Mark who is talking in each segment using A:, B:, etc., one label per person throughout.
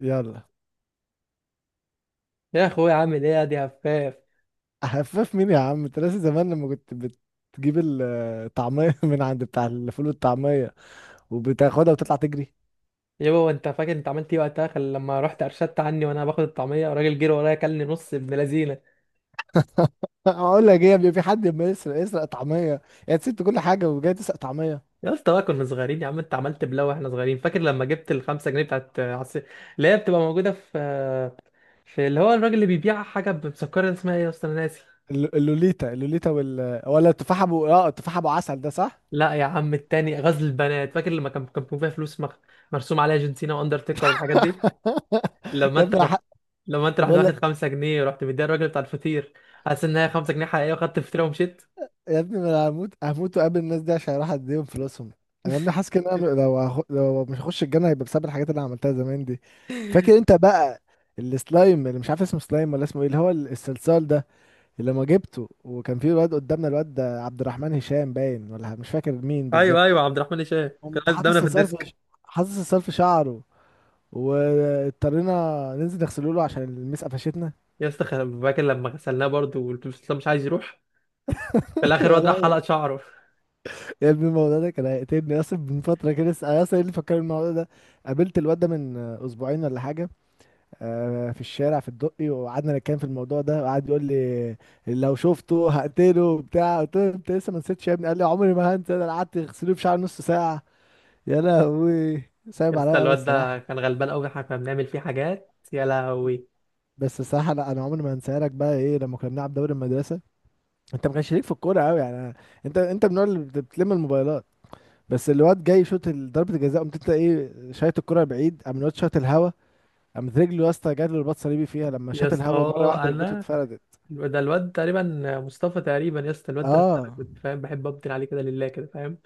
A: يلا.
B: يا اخويا، عامل ايه يا دي هفاف؟
A: خفاف مين يا عم؟ انت ناسي زمان لما كنت بتجيب الطعمية من عند بتاع الفول والطعمية وبتاخدها وتطلع تجري؟
B: يابا، هو انت فاكر انت عملت ايه وقتها؟ لما رحت ارشدت عني وانا باخد الطعميه، الراجل جري ورايا كلني نص ابن لذينه.
A: اقول لك ايه يا؟ في حد ما يسرق يسرق طعمية؟ يا سبت كل حاجة وجاي تسرق طعمية.
B: يا اسطى بقى، كنا صغيرين يا عم، انت عملت بلاوي واحنا صغيرين. فاكر لما جبت الـ 5 جنيه بتاعت اللي هي بتبقى موجوده في اللي هو الراجل اللي بيبيع حاجه مسكره، اسمها ايه يا اسطى؟ انا ناسي.
A: اللوليتا، اللوليتا وال ولا التفاحة ابو، التفاحة ابو عسل ده صح.
B: لا يا عم، التاني غزل البنات. فاكر لما كان فيها فلوس مرسوم عليها جون سينا واندرتيكر والحاجات دي. لما
A: يا
B: انت
A: ابني،
B: رحت. لما انت رحت
A: بقول
B: واخد 5 جنيه، ورحت مديها الراجل بتاع الفطير، حاسس ان هي 5 جنيه حقيقيه، وخدت فطيره ومشيت.
A: يا ابني، ما انا هموت هموت وقابل الناس دي عشان اروح اديهم فلوسهم. انا يا ابني حاسس كده إن انا لو مش هخش الجنه هيبقى بسبب الحاجات اللي انا عملتها زمان دي. فاكر انت بقى السلايم اللي مش عارف اسمه سلايم ولا اسمه ايه، اللي هو الصلصال ده، اللي لما جبته وكان في واد قدامنا، الواد ده عبد الرحمن هشام باين، ولا مش فاكر مين بالظبط؟
B: ايوه ايوه، عبد الرحمن هشام كان
A: قمت
B: قاعد قدامنا في الديسك.
A: حاطط الصلصال في شعره، واضطرينا ننزل نغسله له عشان المسقه فشتنا.
B: يا اسطى فاكر لما غسلناه برضه، والبروفيسور اسلام مش عايز يروح. في الاخر
A: يا
B: الواد راح
A: لهوي.
B: حلق شعره.
A: يا ابني الموضوع ده كان هيقتلني يا اسطى من فترة كده لسه. يا اسطى، ايه اللي فكرني الموضوع ده؟ قابلت الواد ده من اسبوعين ولا حاجة، في الشارع في الدقي، وقعدنا نتكلم في الموضوع ده، وقعد يقول لي لو شفته هقتله وبتاع. قلت له انت لسه ما نسيتش يا ابني؟ قال لي عمري ما هنسى ده، انا قعدت اغسله في شعر نص ساعة. يا لهوي،
B: يا
A: صعب
B: اسطى
A: عليا قوي
B: الواد ده
A: الصراحة.
B: كان غلبان قوي، احنا كنا بنعمل فيه حاجات، يا لهوي.
A: بس الصراحة لا، انا عمري ما هنساها لك بقى. ايه لما كنا بنلعب دوري المدرسة؟ انت ما كانش ليك في الكورة قوي يعني، انت من النوع اللي بتلم الموبايلات. بس الواد جاي يشوط ضربة الجزاء، قمت انت ايه، شايط الكرة بعيد، قام الواد شاط الهوا، قامت رجله يا اسطى، جات له رباط صليبي فيها، لما
B: يا
A: شاط الهوا
B: اسطى
A: مرة واحدة ركبته
B: انا
A: اتفردت.
B: الواد- ده الواد تقريبا مصطفى تقريبا. يا اسطى الواد ده يا اسطى، أنا
A: اه
B: كنت فاهم بحب ابدل عليه كده لله كده، فاهم؟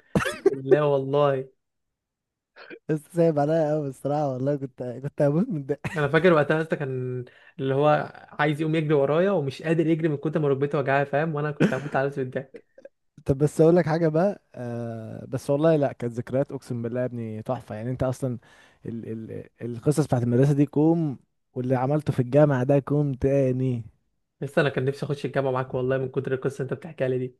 B: لا والله.
A: بس سايب عليا قوي الصراحه، والله كنت هموت من
B: انا
A: الضحك.
B: فاكر وقتها يا اسطى كان، اللي هو، عايز يقوم يجري ورايا ومش قادر يجري من كتر ما ركبته وجعاه، فاهم؟ وانا كنت هموت على نفسي بالضحك.
A: طب بس اقول لك حاجه بقى، بس والله، لا كانت ذكريات اقسم بالله يا ابني تحفه يعني. انت اصلا ال ال القصص بتاعت المدرسه دي كوم، واللي عملته في الجامعه ده كوم تاني.
B: لسه انا كان نفسي اخش الجامعه معاك والله، من كتر القصه اللي انت بتحكيها لي دي.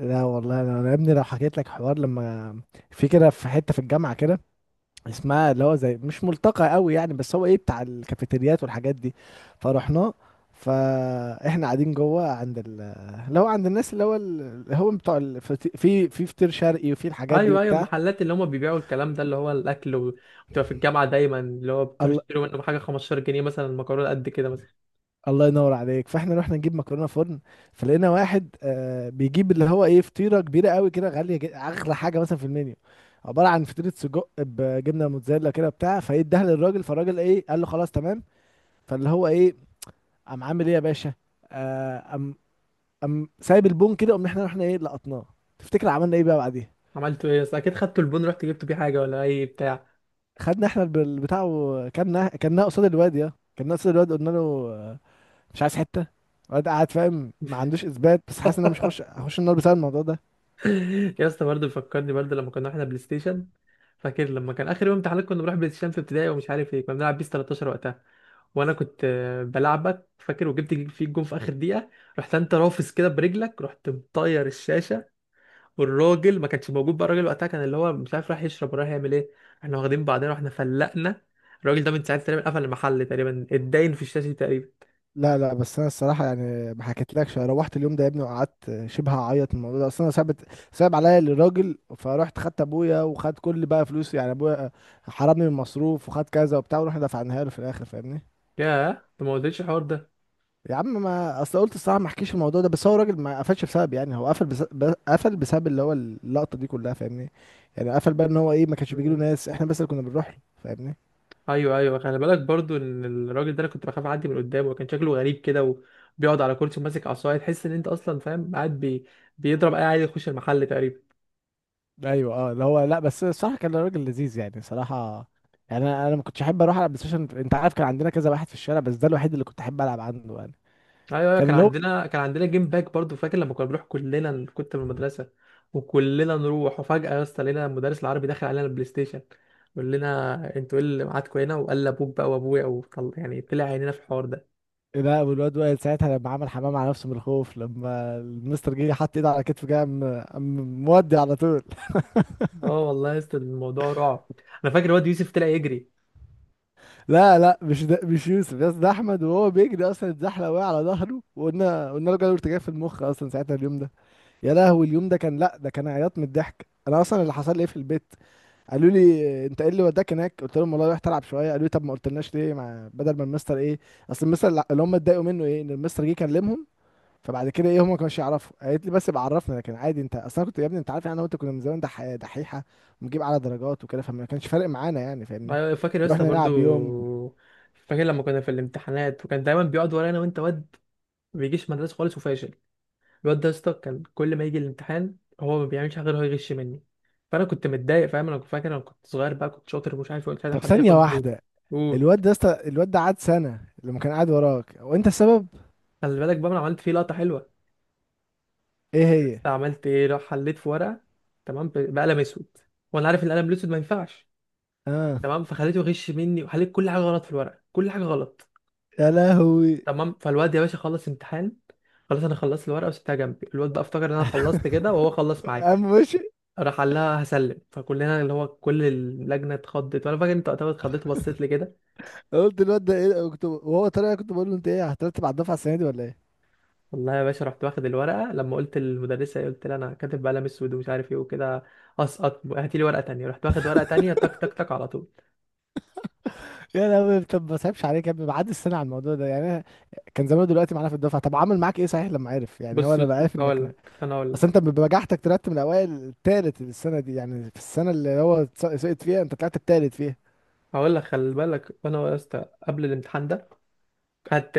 A: لا والله، انا يا ابني لو حكيت لك حوار، لما في كده في حته في الجامعه كده، اسمها اللي هو زي مش ملتقى قوي يعني، بس هو ايه، بتاع الكافيتريات والحاجات دي، فرحنا، فاحنا قاعدين جوه اللي هو عند الناس، اللي هو اللي هو بتوع في فطير شرقي وفي الحاجات دي
B: ايوه ايوه،
A: وبتاع.
B: المحلات اللي هم بيبيعوا الكلام ده اللي هو الاكل وتبقى في الجامعه دايما اللي هو بتروح
A: الله،
B: تشتري منهم حاجه 15 جنيه مثلا، المكرونه قد كده مثلا.
A: الله ينور عليك. فاحنا رحنا نجيب مكرونه فرن، فلقينا واحد بيجيب اللي هو ايه، فطيره كبيره قوي كده، غاليه جدا، اغلى حاجه مثلا في المنيو، عباره عن فطيره سجق بجبنه موتزاريلا كده بتاع، فايه، اداها للراجل، فالراجل ايه، قال له خلاص تمام. فاللي هو ايه، قام عامل ايه يا باشا، آه، قام قام سايب البون كده، قمنا احنا رحنا ايه، لقطناه. تفتكر عملنا ايه بقى بعديها؟
B: عملتوا ايه يا اسطى؟ اكيد خدتوا البون، رحت جبتوا بيه حاجه ولا اي بتاع.
A: خدنا احنا البتاع، وكلنا كلنا قصاد الواد يا، كلنا قصاد الواد، قلنا له آه، مش عايز حته؟ الواد قاعد فاهم ما عندوش اثبات، بس حاسس ان انا مش هخش النار بسبب الموضوع ده.
B: يا اسطى برضه بيفكرني برضه لما كنا احنا بلاي ستيشن. فاكر لما كان اخر يوم امتحانات، كنا بنروح بلاي ستيشن في ابتدائي، ومش عارف ايه، كنا بنلعب بيس 13 وقتها. وانا كنت بلعبك فاكر، وجبت فيك جون في اخر دقيقه. رحت انت رافس كده برجلك، رحت مطير الشاشه. والراجل ما كانش موجود بقى، الراجل وقتها كان، اللي هو مش عارف، راح يشرب وراح يعمل ايه. احنا واخدين بعضنا واحنا فلقنا. الراجل ده من ساعتها تقريبا قفل المحل، تقريبا اتداين في الشاشة تقريبا.
A: لا لا، بس انا الصراحه يعني ما حكيتلكش، أنا روحت اليوم ده يا ابني وقعدت شبه اعيط من الموضوع ده، اصل انا صعبت، صعب عليا الراجل، فروحت خدت ابويا، وخد كل بقى فلوسي يعني، ابويا حرمني من المصروف وخد كذا وبتاع، ورحنا دفعناها له في الاخر فاهمني.
B: ياه، انت ما قلتليش الحوار ده.
A: يا عم ما اصل قلت الصراحه ما احكيش الموضوع ده، بس هو راجل ما قفلش بسبب يعني، هو قفل بسبب اللي هو اللقطه دي كلها فاهمني. يعني قفل بقى ان هو ايه، ما كانش بيجيله
B: مم.
A: ناس، احنا بس اللي كنا بنروح له فاهمني.
B: ايوه ايوه، خلي بالك برضو ان الراجل ده، انا كنت بخاف اعدي من قدامه، وكان شكله غريب كده، وبيقعد على كرسي وماسك عصايه، تحس ان انت اصلا، فاهم، قاعد بيضرب اي عيل يخش المحل تقريبا.
A: ايوه اه، اللي هو لا، بس الصراحه كان راجل لذيذ يعني صراحه. يعني انا ما كنتش احب اروح العب بلاي ستيشن، انت عارف كان عندنا كذا واحد في الشارع، بس ده الوحيد اللي كنت احب العب عنده يعني.
B: ايوه ايوه،
A: كان
B: كان
A: اللي هو،
B: عندنا، كان عندنا جيم باك برضو. فاكر لما كنا بنروح كلنا كنت من المدرسه، وكلنا نروح، وفجاه يا اسطى لقينا المدرس العربي داخل علينا البلاي ستيشن، يقول لنا انتوا ايه اللي معاكوا هنا، وقال ابوك بقى وابويا يعني طلع عينينا في الحوار ده.
A: لا، والواد وائل ساعتها لما عمل حمام على نفسه من الخوف، لما المستر جه حط ايده على كتفه جه، قام مودي على طول.
B: اه والله يا اسطى، الموضوع رعب. انا فاكر الواد يوسف طلع يجري.
A: لا لا، مش ده مش يوسف يا اسطى، ده احمد، وهو بيجري اصلا اتزحلق وقع على ظهره، وقلنا له جاله ارتجاع في المخ اصلا ساعتها اليوم ده. يا لهوي، اليوم ده كان لا، ده كان عياط من الضحك. انا اصلا اللي حصل لي ايه في البيت، قالوا لي انت ايه اللي وداك هناك؟ قلت لهم والله رحت العب شويه. قالوا لي طب ما قلتلناش ليه، مع بدل ما المستر ايه، اصل المستر اللي اللي هم اتضايقوا منه ايه، ان المستر جه كلمهم. فبعد كده ايه، هم ما كانوش يعرفوا، قالت لي بس بعرفنا، لكن عادي انت اصلا كنت يا ابني، انت عارف يعني انا وانت كنا من زمان دحيحه، ونجيب على درجات وكده، فما كانش فارق معانا يعني فاهمني.
B: ايوه فاكر يا اسطى
A: رحنا
B: برضو،
A: نلعب يوم.
B: فاكر لما كنا في الامتحانات، وكان دايما بيقعد ورانا، وانت واد ما بيجيش مدرسه خالص وفاشل. الواد ده يا اسطى كان كل ما يجي الامتحان، هو ما بيعملش حاجه غير هو يغش مني. فانا كنت متضايق، فاهم؟ انا كنت فاكر، انا كنت صغير بقى، كنت شاطر، ومش عارف إيه، مش عايز
A: طب
B: حد
A: ثانية
B: ياخد مجهودي.
A: واحدة،
B: قول.
A: الواد ده قعد سنة لما كان قاعد وراك وانت السبب.
B: خلي بالك بقى، انا عملت فيه لقطه حلوه.
A: ايه
B: بس
A: هي؟
B: عملت ايه، راح حليت في ورقه، تمام، بقلم اسود، وانا عارف ان القلم الاسود ما ينفعش،
A: اه،
B: تمام. فخليته يغش مني، وحليت كل حاجه غلط في الورقه، كل حاجه غلط.
A: يا لهوي،
B: تمام، فالواد يا باشا خلص امتحان، خلاص. انا خلصت الورقه وسبتها جنبي، الواد بقى افتكر ان انا خلصت كده، وهو خلص معايا،
A: قام مشي.
B: راح قال لها هسلم. فكلنا اللي هو كل اللجنه اتخضت، وانا فاكر انت وقتها اتخضيت وبصيت لي كده.
A: قلت الواد ده ايه، كنت وهو طالع كنت بقول له انت ايه، هترتب على الدفعة السنة دي ولا ايه؟
B: والله يا باشا، رحت واخد الورقه لما قلت للمدرسه، قلت لها انا كاتب بقلم اسود ومش عارف ايه وكده، اسقط، هاتي لي ورقه تانية، رحت واخد ورقه تانية تك تك تك على طول.
A: يا لهوي، طب ما سايبش عليك يا ابني بعد السنة على الموضوع ده يعني، أنا كان زمانه دلوقتي معانا في الدفعة. طب عمل معاك ايه صحيح لما عرف؟ يعني هو
B: بص بص
A: لما عرف
B: بص،
A: انك
B: هقول لك.
A: اصل انت بنجاحتك طلعت من الاوائل التالت السنة دي، يعني في السنة اللي هو سقط فيها انت طلعت التالت فيها.
B: خلي بالك، انا يا اسطى قبل الامتحان ده قعدت،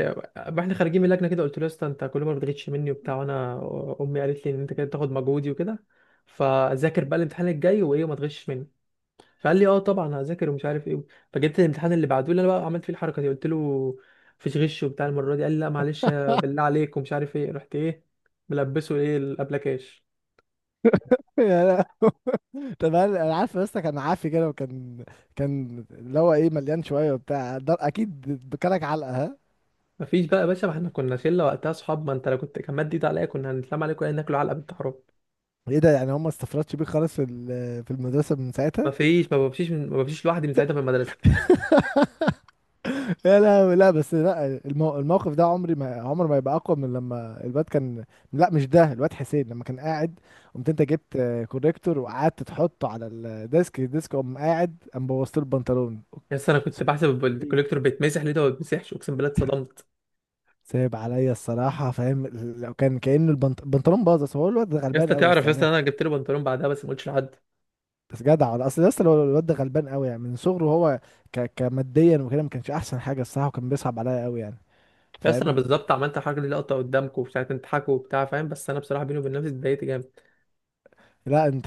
B: واحنا خارجين من اللجنه كده، قلت له يا اسطى انت كل ما بتغيتش مني وبتاع، وانا امي قالت لي ان انت كده تاخد مجهودي وكده، فذاكر بقى الامتحان الجاي وايه، وما تغشش مني. فقال لي اه طبعا هذاكر ومش عارف ايه. فجيت الامتحان اللي بعده لي انا، بقى عملت فيه الحركه دي، قلت له مفيش غش وبتاع المره دي، قال لي لا معلش بالله عليك ومش عارف ايه، رحت ايه، ملبسه ايه الابلكاش.
A: يا، طب انا، عارف بس، كان عافي كده، وكان كان اللي هو ايه، مليان شويه وبتاع ده اكيد، بكلك علقه ها.
B: مفيش بقى يا باشا، ما احنا كنا شله وقتها اصحاب، ما انت لو كنت كان مد ايد عليا كنا هنتلم عليك ولا ناكل علقه بنت حرام.
A: ايه ده، يعني هم ما استفردش بيه خالص في في المدرسه من ساعتها؟
B: مفيش، ما بمشيش لوحدي من ساعتها في المدرسه.
A: لا لا لا بس لا، الموقف ده عمري ما، عمر ما يبقى اقوى من لما الواد كان، لا مش ده، الواد حسين لما كان قاعد، قمت انت جبت كوريكتور وقعدت تحطه على الديسك، الديسك قام قاعد قام بوظت له البنطلون.
B: يا اسطى انا كنت بحسب الكوليكتور بيتمسح، ليه ده ما بيتمسحش؟ اقسم بالله اتصدمت.
A: صعب عليا الصراحه فاهم، لو كان كأنه البنطلون باظ بس، هو الواد
B: يا
A: غلبان
B: اسطى،
A: قوي بس
B: تعرف يا اسطى،
A: يعني.
B: انا جبت له بنطلون بعدها بس ما قلتش لحد.
A: بس جدع والله. اصل لسه الواد ده غلبان قوي يعني من صغره، هو كماديا وكده ما كانش احسن حاجه الصراحه، وكان بيصعب عليا قوي يعني
B: بس انا
A: فاهم.
B: بالظبط عملت حاجه دي لقطه قدامكم وساعه تضحكوا وبتاع، فاهم؟ بس انا بصراحه بيني وبين نفسي اتضايقت جامد.
A: لا انت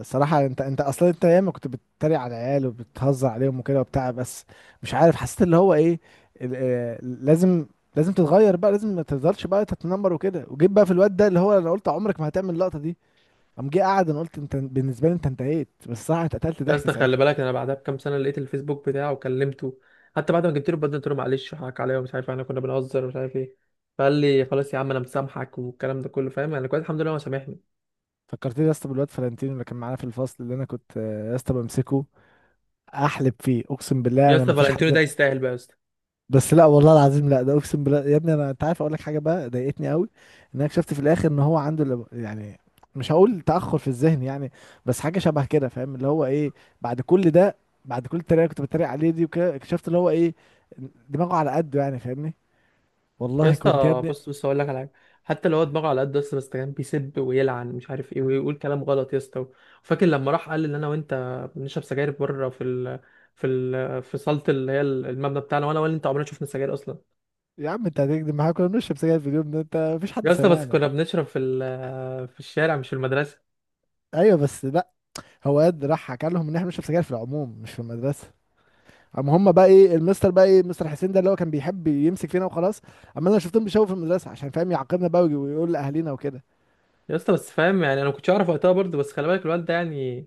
A: الصراحه، انت اصلا انت ياما كنت بتتريق على العيال وبتهزر عليهم وكده وبتاع، بس مش عارف حسيت اللي هو ايه، ال... آه، لازم تتغير بقى، لازم ما تفضلش بقى تتنمر وكده، وجيت بقى في الواد ده، اللي هو انا قلت عمرك ما هتعمل اللقطه دي، قام جه قعد، انا قلت انت بالنسبه لي انت انتهيت. بس صح اتقتلت ضحك
B: بس خلي
A: ساعتها.
B: بالك، انا بعدها بكام سنه لقيت الفيسبوك بتاعه وكلمته، حتى بعد ما جبت له بدل، قلت له معلش حقك عليا ومش عارف، احنا كنا بنهزر ومش عارف ايه. فقال لي خلاص يا عم انا مسامحك والكلام ده كله، فاهم؟ يعني كويس، الحمد لله هو سامحني.
A: فكرتني يا اسطى بالواد فلانتينو اللي كان معانا في الفصل، اللي انا كنت يا اسطى بمسكه احلب فيه اقسم بالله،
B: يا
A: انا
B: اسطى،
A: ما فيش
B: فالنتينو ده
A: حد.
B: يستاهل بقى يا اسطى.
A: بس لا والله العظيم لا، ده اقسم بالله يا ابني، انا انت عارف، اقول لك حاجه بقى ضايقتني قوي، ان انا اكتشفت في الاخر ان هو عنده يعني مش هقول تاخر في الذهن يعني، بس حاجه شبه كده فاهم، اللي هو ايه، بعد كل ده، بعد كل التريقه اللي كنت بتريق عليه دي وكده، اكتشفت اللي هو ايه، دماغه على قده يعني فاهمني،
B: يا
A: والله كنت يا
B: اسطى
A: ابني.
B: بص بص، هقول لك على حاجه. حتى لو هو دماغه على قد، بس كان بيسب ويلعن مش عارف ايه، ويقول كلام غلط يا اسطى. فاكر لما راح قال ان انا وانت بنشرب سجاير بره في صاله اللي هي المبنى بتاعنا، وانا ولا انت عمرنا شفنا سجاير اصلا.
A: يا عم انت هتكدب معايا؟ كنا بنشرب سجاير في اليوم ده، انت مفيش حد
B: يا اسطى بس
A: سمعنا.
B: كنا بنشرب في الشارع، مش في المدرسه.
A: ايوه بس لا، هو قد راح حكى لهم ان احنا بنشرب سجاير في العموم مش في المدرسه. قام هم بقى ايه، المستر بقى ايه، مستر حسين ده اللي هو كان بيحب يمسك فينا وخلاص، اما انا شفتهم بيشاوروا في المدرسه عشان فاهم يعاقبنا بقى، ويقول لاهالينا وكده.
B: يا اسطى بس، فاهم؟ يعني انا ما كنتش اعرف وقتها برضه، بس خلي بالك الواد ده يعني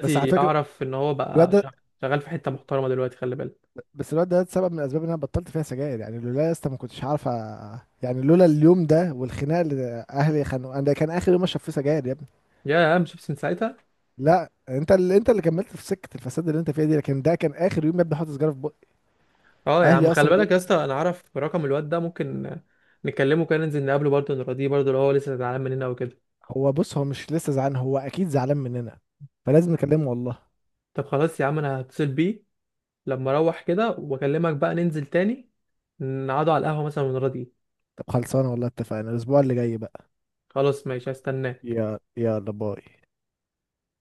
A: بس على فكره
B: اعرف ان هو
A: الواد
B: بقى
A: ده،
B: شغال في حته محترمه دلوقتي، خلي بالك.
A: بس الواد ده سبب من الاسباب ان انا بطلت فيها سجاير، يعني لولا يا اسطى ما كنتش عارف يعني لولا اليوم ده والخناقه اللي اهلي خانوا انا، ده كان اخر يوم اشرب فيه سجاير يا ابني.
B: يا عم شيبس من ساعتها.
A: لا انت اللي، انت اللي كملت في سكه الفساد اللي انت فيها دي، لكن ده كان اخر يوم يا ابني حاطط سجاره في بقي،
B: اه يا عم،
A: اهلي
B: خلي
A: اصلا جم.
B: بالك يا اسطى، انا اعرف رقم الواد ده، ممكن نكلمه كده، ننزل نقابله برضه، نراضيه برضه لو هو لسه زعلان مننا وكده.
A: هو بص، هو مش لسه زعلان، هو اكيد زعلان مننا، فلازم نكلمه والله.
B: طب خلاص يا عم، انا هتصل بيه لما اروح كده واكلمك بقى، ننزل تاني نقعدوا على القهوة مثلا ونراضيه.
A: طب خلصانه والله، اتفقنا الاسبوع اللي جاي بقى.
B: خلاص ماشي، هستناك.
A: يا يلا باي.